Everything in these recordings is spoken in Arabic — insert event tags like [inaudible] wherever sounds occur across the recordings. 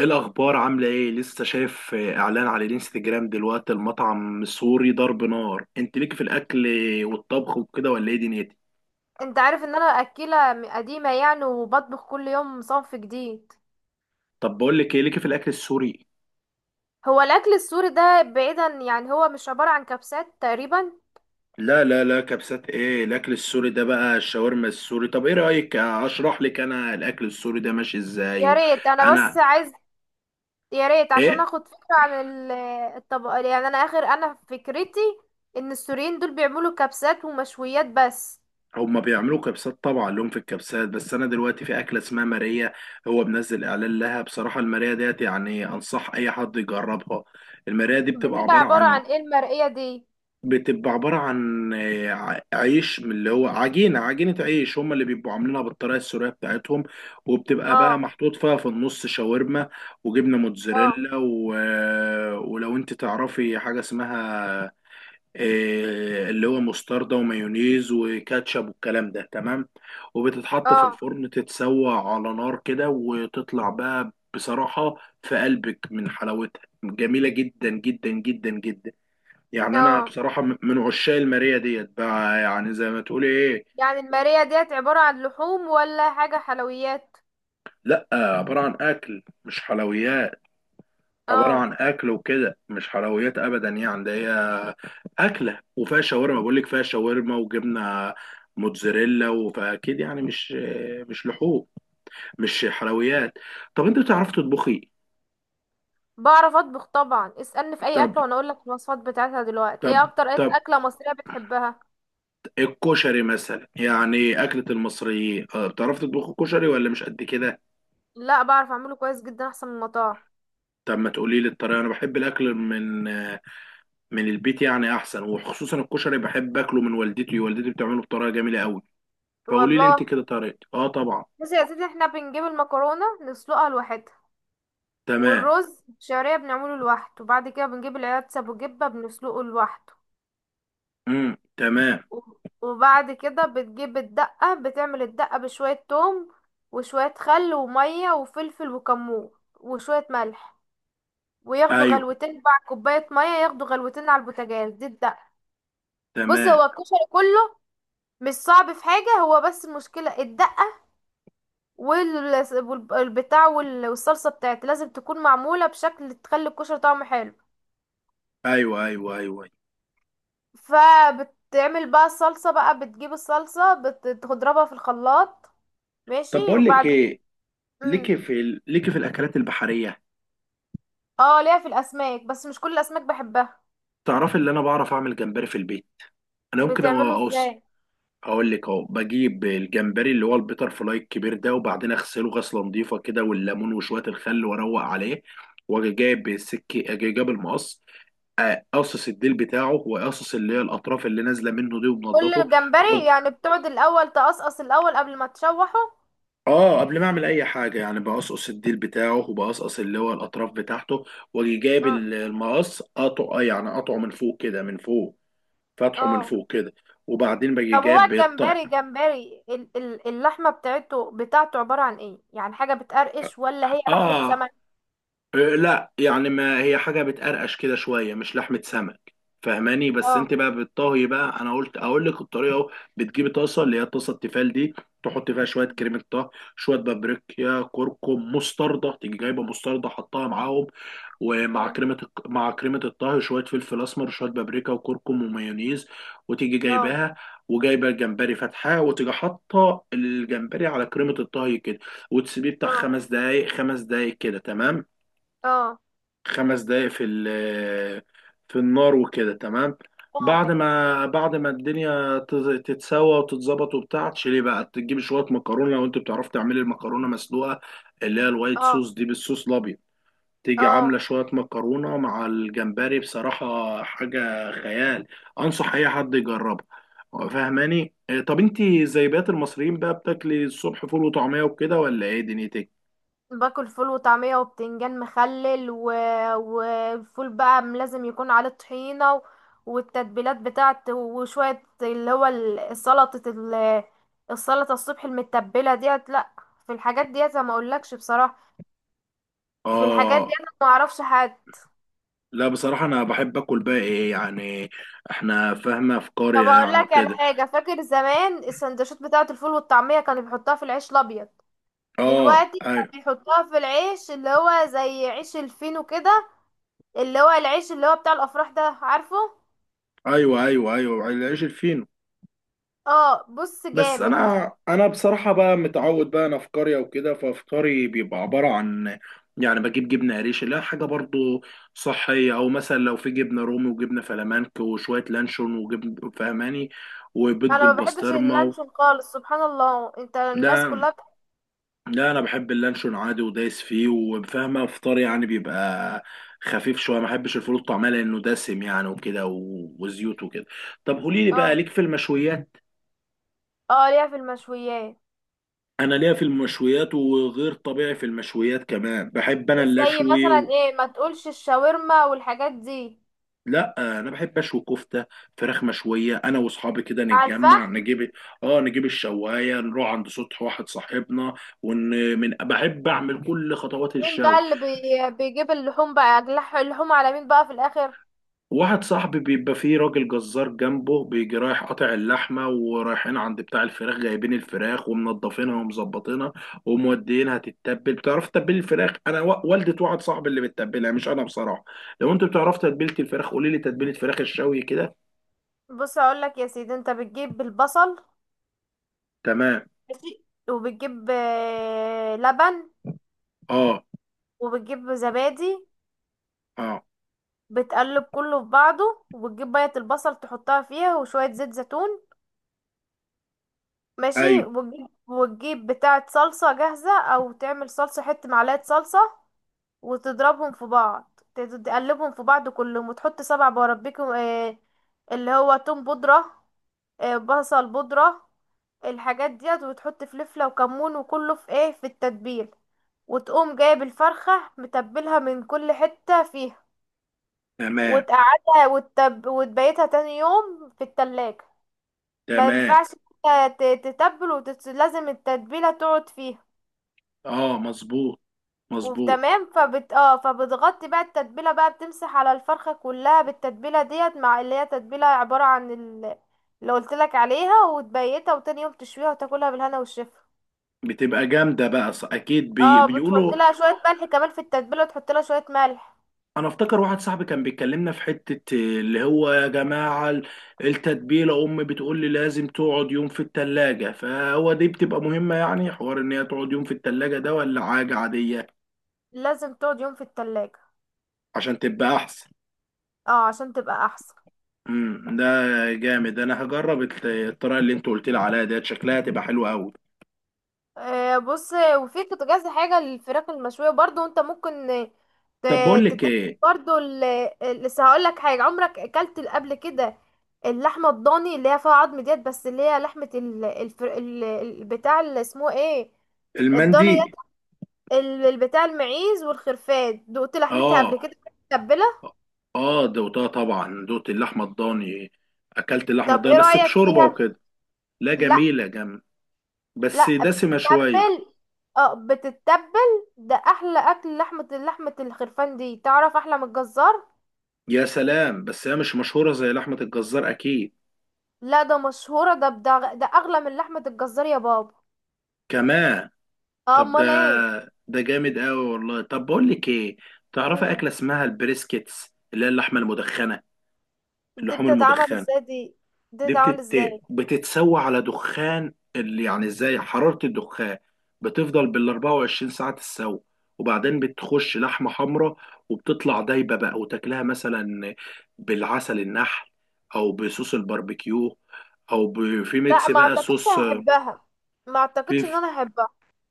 إيه الأخبار؟ عاملة إيه؟ لسه شايف إعلان على الإنستجرام دلوقتي. المطعم السوري ضرب نار، أنت ليك في الأكل والطبخ وكده ولا إيه دنيتي؟ انت عارف ان انا اكلة قديمة، يعني وبطبخ كل يوم صنف جديد. طب بقول لك إيه، ليك في الأكل السوري؟ هو الاكل السوري ده بعيدا، يعني هو مش عبارة عن كبسات تقريبا. لا لا لا، كبسات إيه؟ الأكل السوري ده بقى الشاورما السوري. طب إيه رأيك أشرح لك أنا الأكل السوري ده ماشي إزاي؟ يا ريت انا بس أنا. عايز يا ريت عشان إيه؟ اخد فكرة عن الطبق، يعني انا فكرتي ان السوريين دول بيعملوا كبسات ومشويات بس. هما بيعملوا كبسات، طبعا لهم في الكبسات، بس انا دلوقتي في اكله اسمها ماريا. هو منزل اعلان لها. بصراحه الماريا ديت يعني انصح اي حد يجربها. المراية دي بتبقى بتبقى عبارة عبارة عن، عن ايه المرقية دي؟ بتبقى عبارة عن عيش من اللي هو عجينة، عجينة عيش هم اللي بيبقوا عاملينها بالطريقة السورية بتاعتهم. وبتبقى بقى اه، محطوط فيها في النص شاورما، وجبنة اه، موتزاريلا و... آه، ولو انت تعرفي حاجة اسمها، اللي هو مستردة ومايونيز وكاتشب والكلام ده، تمام. وبتتحط في اه، الفرن تتسوى على نار كده وتطلع بقى بصراحة في قلبك من حلاوتها، جميلة جدا جدا جدا جدا. يعني انا اه. بصراحه من عشاق الماريه ديت بقى، يعني زي ما تقولي ايه. يعني المرقية ديت عبارة عن لحوم ولا حاجة حلويات؟ لا، عباره عن اكل مش حلويات. عباره اه. عن اكل وكده، مش حلويات ابدا. يعني ده هي اكله وفيها شاورما، بقول لك فيها شاورما وجبنه موتزاريلا، فاكيد يعني مش، مش لحوم، مش حلويات. طب انت بتعرف تطبخي؟ بعرف اطبخ طبعا، اسألني في اي طب اكلة وانا اقول لك الوصفات بتاعتها. دلوقتي ايه طب اكتر طب. اكلة مصرية بتحبها؟ الكشري مثلا، يعني أكلة المصريين. بتعرف تطبخ الكشري ولا مش قد كده؟ لا، بعرف اعمله كويس جدا احسن من المطاعم. طب ما تقولي لي الطريقة، أنا بحب الأكل من، من البيت يعني احسن. وخصوصا الكشري بحب اكله من والدتي، والدتي بتعمله بطريقه جميله قوي. فقولي لي انت والله. كده طريقتي. اه طبعا. بصي يا سيدي، احنا بنجيب المكرونة نسلقها لوحدها، تمام. والرز الشعرية بنعمله لوحده، وبعد كده بنجيب العدس ابو جبة بنسلقه لوحده، امم، تمام. و- وبعد كده بتجيب الدقة، بتعمل الدقة بشوية توم وشوية خل ومية وفلفل وكمون وشوية ملح، وياخدوا ايوه غلوتين مع كوباية مية، ياخدوا غلوتين على البوتاجاز. دي الدقة. بص، تمام. هو الكشري كله مش صعب في حاجة، هو بس المشكلة الدقة وال- والبتاع والصلصة بتاعت لازم تكون معمولة بشكل تخلي الكشري طعمه حلو. ايوه ايوه ايوه أيوة. فبتعمل بقى الصلصة، بقى بتجيب الصلصة بتضربها في الخلاط، طب ماشي، بقول لك وبعد كده. ايه، [laughs] مم. ليكي في الاكلات البحريه؟ اه، ليها في الأسماك بس مش كل الأسماك بحبها. تعرفي اللي انا بعرف اعمل جمبري في البيت. انا ممكن بتعمله اوص، ازاي؟ اقول لك اهو. بجيب الجمبري اللي هو البيتر فلاي الكبير ده، وبعدين اغسله غسله نظيفه كده والليمون وشويه الخل واروق عليه. واجي جايب السكه اجي جايب المقص، قصص الديل بتاعه، وقصص اللي هي الاطراف اللي نازله منه دي كل ومنضفه. و... الجمبري يعني بتقعد الأول تقصقص الأول قبل ما تشوحه؟ اه قبل ما اعمل اي حاجه يعني بقصقص الديل بتاعه، وبقصقص اللي هو الاطراف بتاعته. واجي جايب اه. المقص، قطعه، يعني قطعه من فوق كده، من فوق، فتحه من اه. فوق كده. وبعدين باجي طب هو جايب بالطق. الجمبري، اللحمة بتاعته عبارة عن ايه يعني، حاجة بتقرقش ولا هي اه. لحمة سمك؟ لا يعني ما هي حاجة بتقرقش كده شوية، مش لحمة سمك. فاهماني؟ بس اه. انت بقى بالطهي بقى، انا قلت اقول لك الطريقة اهو. بتجيبي طاسة، اللي هي الطاسة التيفال دي، تحط فيها شوية كريمة طهي، شوية بابريكا، كركم، مستردة. تيجي جايبة مستردة حطها معاهم. ومع مم. كريمة مع كريمة الطهي شوية فلفل اسمر، شوية بابريكا وكركم ومايونيز. وتيجي اه، جايباها وجايبه الجمبري فاتحاه، وتيجي حاطه الجمبري على كريمه الطهي كده. وتسيبيه بتاع اه، خمس دقايق، خمس دقايق كده تمام. اه، خمس دقايق في النار وكده تمام. اه، بعد ما الدنيا تتسوى وتتظبط وبتاع، تشيلي بقى، تجيب شويه مكرونه لو انت بتعرف تعملي المكرونه مسلوقه، اللي هي الوايت اه، صوص دي، بالصوص الابيض. تيجي عامله اه. شويه مكرونه مع الجمبري، بصراحه حاجه خيال، انصح اي حد يجربها. فاهماني؟ إيه، طب انت زي بقية المصريين بقى بتاكلي الصبح فول وطعميه وكده ولا ايه دنيتك؟ باكل فول وطعمية وبتنجان مخلل، و... والفول بقى لازم يكون عليه طحينة، و... والتتبيلات بتاعته، وشوية اللي هو سلطة السلطة الصبح المتبلة ديت، لا. في الحاجات ديت أنا ما اقولكش بصراحة. في الحاجات اه. ديت أنا ما اعرفش حاجة. لا بصراحة أنا بحب آكل بقى إيه يعني، إحنا فاهمة في طب قرية اقول يعني لك على وكده. حاجه، فاكر زمان السندوتشات بتاعه الفول والطعميه كانوا بيحطوها في العيش الابيض، آه دلوقتي كانوا أيوه. بيحطوها في العيش اللي هو زي عيش الفينو كده، اللي هو العيش اللي هو بتاع الافراح ده، عارفه؟ أيوه أيوه أيوه، العيش الفينو. اه، بص بس جامد. أنا، أنا بصراحة بقى متعود بقى، أنا في قرية وكده، ففطاري بيبقى عبارة عن، يعني بجيب جبنة قريش اللي هي حاجة برضو صحية، أو مثلا لو في جبنة رومي وجبنة فلامنك وشوية لانشون وجبن، فهماني؟ وبيض انا ما بحبش بالبسطرمة و... اللانشون خالص، سبحان الله، انت الناس لا، كلها لا انا بحب اللانشون عادي ودايس فيه. وفاهمه فطار يعني بيبقى خفيف شويه، ما بحبش الفول الطعميه لانه دسم يعني وكده وزيوت وكده. طب قولي لي بقى، اه. ليك في المشويات؟ اه، ليها في المشويات. انا ليا في المشويات وغير طبيعي، في المشويات كمان بحب انا زي اللشوي مثلا و... ايه، ما تقولش الشاورما والحاجات دي. لا انا بحب اشوي كفته، فراخ مشويه، انا واصحابي كده على نتجمع الفحم؟ نجيب، اه نجيب الشوايه نروح عند سطح واحد صاحبنا، ون... من بحب اعمل كل خطوات مين بقى الشوي. اللي بيجيب اللحوم، بقى اللحوم على مين بقى في الاخر؟ واحد صاحبي بيبقى فيه راجل جزار جنبه، بيجي رايح قاطع اللحمة، ورايحين عند بتاع الفراخ جايبين الفراخ ومنضفينها ومظبطينها وموديينها تتبل. بتعرف تتبل الفراخ؟ انا والدة واحد صاحبي اللي بتتبلها مش انا بصراحة. لو انت بتعرف تتبيلة الفراخ قولي لي، تتبيلة فراخ الشوي كده. بص اقول لك يا سيدي، انت بتجيب البصل، تمام. ماشي، وبتجيب لبن، اه. وبتجيب زبادي، اه. بتقلب كله في بعضه وبتجيب بيضة البصل تحطها فيها وشوية زيت زيتون، ماشي، ايوه وتجيب بتاعة صلصة جاهزة او تعمل صلصة حتة، معلقة صلصة، وتضربهم في بعض، تقلبهم في بعض كلهم، وتحط سبع بربيكم، اللي هو توم بودرة، بصل بودرة، الحاجات ديت، وتحط فلفلة وكمون، وكله في ايه، في التتبيل، وتقوم جايب الفرخة متبلها من كل حتة فيها، تمام. وتقعدها وتبيتها تاني يوم في التلاجة. ما تمام. ينفعش، إنت تتبل لازم التتبيلة تقعد فيها، اه مظبوط، مظبوط. وتمام. فبتغطي بقى التتبيله، بقى بتمسح على الفرخه كلها بالتتبيله ديت مع اللي هي تتبيله عباره عن اللي قلت لك عليها، وتبيتها، وتاني يوم تشويها وتاكلها بالهنا والشفا. بتبقى جامدة بقى أكيد بي... اه، بتحط بيقولوا. لها شويه ملح كمان في التتبيله، وتحط لها شويه ملح. انا افتكر واحد صاحبي كان بيكلمنا في حتة اللي هو يا جماعة التتبيلة، امي بتقول لي لازم تقعد يوم في التلاجة، فهو دي بتبقى مهمة يعني، حوار ان هي تقعد يوم في التلاجة ده ولا حاجة عادية؟ لازم تقعد يوم في التلاجة. عشان تبقى احسن. اه، عشان تبقى احسن. امم، ده جامد، انا هجرب الطريقة اللي انت قلت لي عليها ديت، شكلها هتبقى حلوة قوي. بص، وفي كذا حاجة للفراخ المشوية برضو، انت ممكن، طب بقول لك تتاكل ايه. برضو لسه هقول لك حاجة عمرك اكلت قبل كده. اللحمة الضاني اللي هي فيها عظم ديت، بس اللي هي لحمة ال... الفر... ال... ال- بتاع، اللي اسمه ايه، الضاني ديت، المندي. بتاع المعيز والخرفان، دقت لحمتها قبل اه. كده متبلة؟ اه دوتها طبعا، دوت اللحمة الضاني، اكلت اللحمة طب ايه الضاني بس رأيك بشوربة فيها؟ وكده. لا لا. جميلة جم، بس لا، دسمة شوية. بتتبل. اه، بتتبل، ده احلى اكل لحمة، لحمة الخرفان دي تعرف احلى من الجزار. يا سلام، بس هي مش مشهورة زي لحمة الجزار أكيد. لا، ده مشهورة، ده بدا ده أغلى من لحمة الجزار يا بابا. كمان؟ طب ده، أمال ايه. ده جامد أوي والله. طب بقول لك إيه، تعرفي مم. أكلة اسمها البريسكيتس؟ اللي هي اللحمة المدخنة، دي اللحوم بتتعمل المدخنة. ازاي دي؟ دي دي بتتعمل بتت... ازاي؟ بتتسوى على دخان، اللي يعني ازاي حرارة الدخان بتفضل بال 24 ساعة تتسوى، وبعدين بتخش لحمة حمراء وبتطلع دايبة بقى. وتاكلها مثلا بالعسل النحل، او بصوص الباربيكيو، او ب... في لا، ميكس ما بقى اعتقدش صوص. هحبها، ما في اعتقدش ان انا هحبها.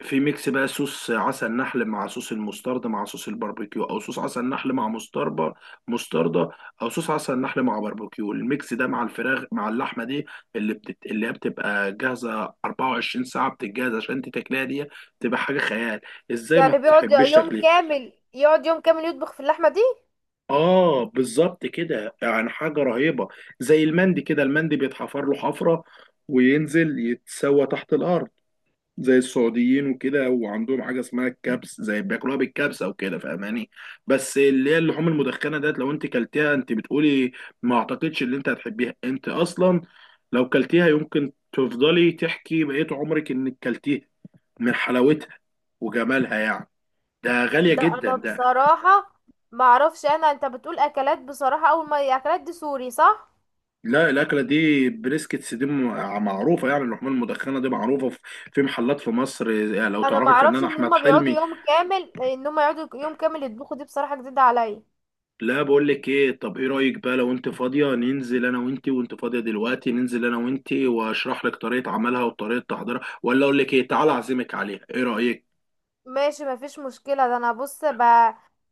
في ميكس بقى صوص عسل نحل مع صوص المستردة مع صوص الباربيكيو، او صوص عسل نحل مع مستربة، مستردة، او صوص عسل نحل مع باربيكيو. الميكس ده مع الفراخ مع اللحمة دي، اللي بتت... اللي هي بتبقى جاهزة 24 ساعة بتتجهز عشان انت تاكلها دي، تبقى حاجة خيال. ازاي ما يعني بيقعد تحبش يوم تاكليها؟ كامل، يقعد يوم كامل يطبخ في اللحمة دي؟ اه بالظبط كده، يعني حاجة رهيبة. زي المندي كده، المندي بيتحفر له حفرة وينزل يتسوى تحت الارض، زي السعوديين وكده. وعندهم حاجه اسمها الكبس، زي بياكلوها بالكبسه وكده، فاهماني؟ بس اللي هي اللحوم المدخنه ديت لو انت كلتيها انت بتقولي، ما اعتقدش ان انت هتحبيها انت اصلا، لو كلتيها يمكن تفضلي تحكي بقيت عمرك انك كلتيها من حلاوتها وجمالها يعني، ده غاليه ده جدا انا ده. بصراحة ما اعرفش، انا انت بتقول اكلات بصراحة، اول ما اكلات دي سوري، صح؟ لا الاكله دي بريسكتس دي معروفه يعني، اللحوم المدخنه دي معروفه في، في محلات في مصر يعني. لو انا ما تعرفي اعرفش الفنان ان احمد هما بيقعدوا حلمي. يوم كامل، ان هما يقعدوا يوم كامل يطبخوا دي، بصراحة جديدة عليا. لا بقول لك ايه، طب ايه رايك بقى لو انت فاضيه، ننزل انا وانت، وانت فاضيه دلوقتي ننزل انا وانت واشرح لك طريقه عملها وطريقه تحضيرها، ولا اقول لك ايه تعالى اعزمك عليها؟ ايه رايك؟ ماشي، مفيش مشكلة، ده انا بص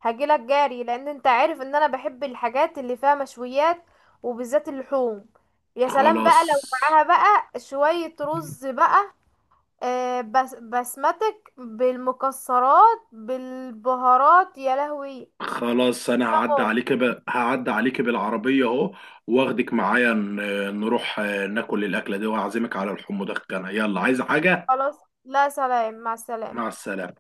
هجيلك جاري لان انت عارف ان انا بحب الحاجات اللي فيها مشويات، وبالذات اللحوم. يا سلام خلاص. بقى لو معاها بقى شوية رز بقى، بس بسمتك بالمكسرات بالبهارات، يا لهوي. خلاص انا هعدي تمام. عليك ب... هعدي عليك بالعربيه اهو، واخدك معايا نروح ناكل الاكله دي، واعزمك على الحمض الكنا. يلا، عايز حاجه؟ خلاص، لا، سلام، مع السلامة. مع السلامه.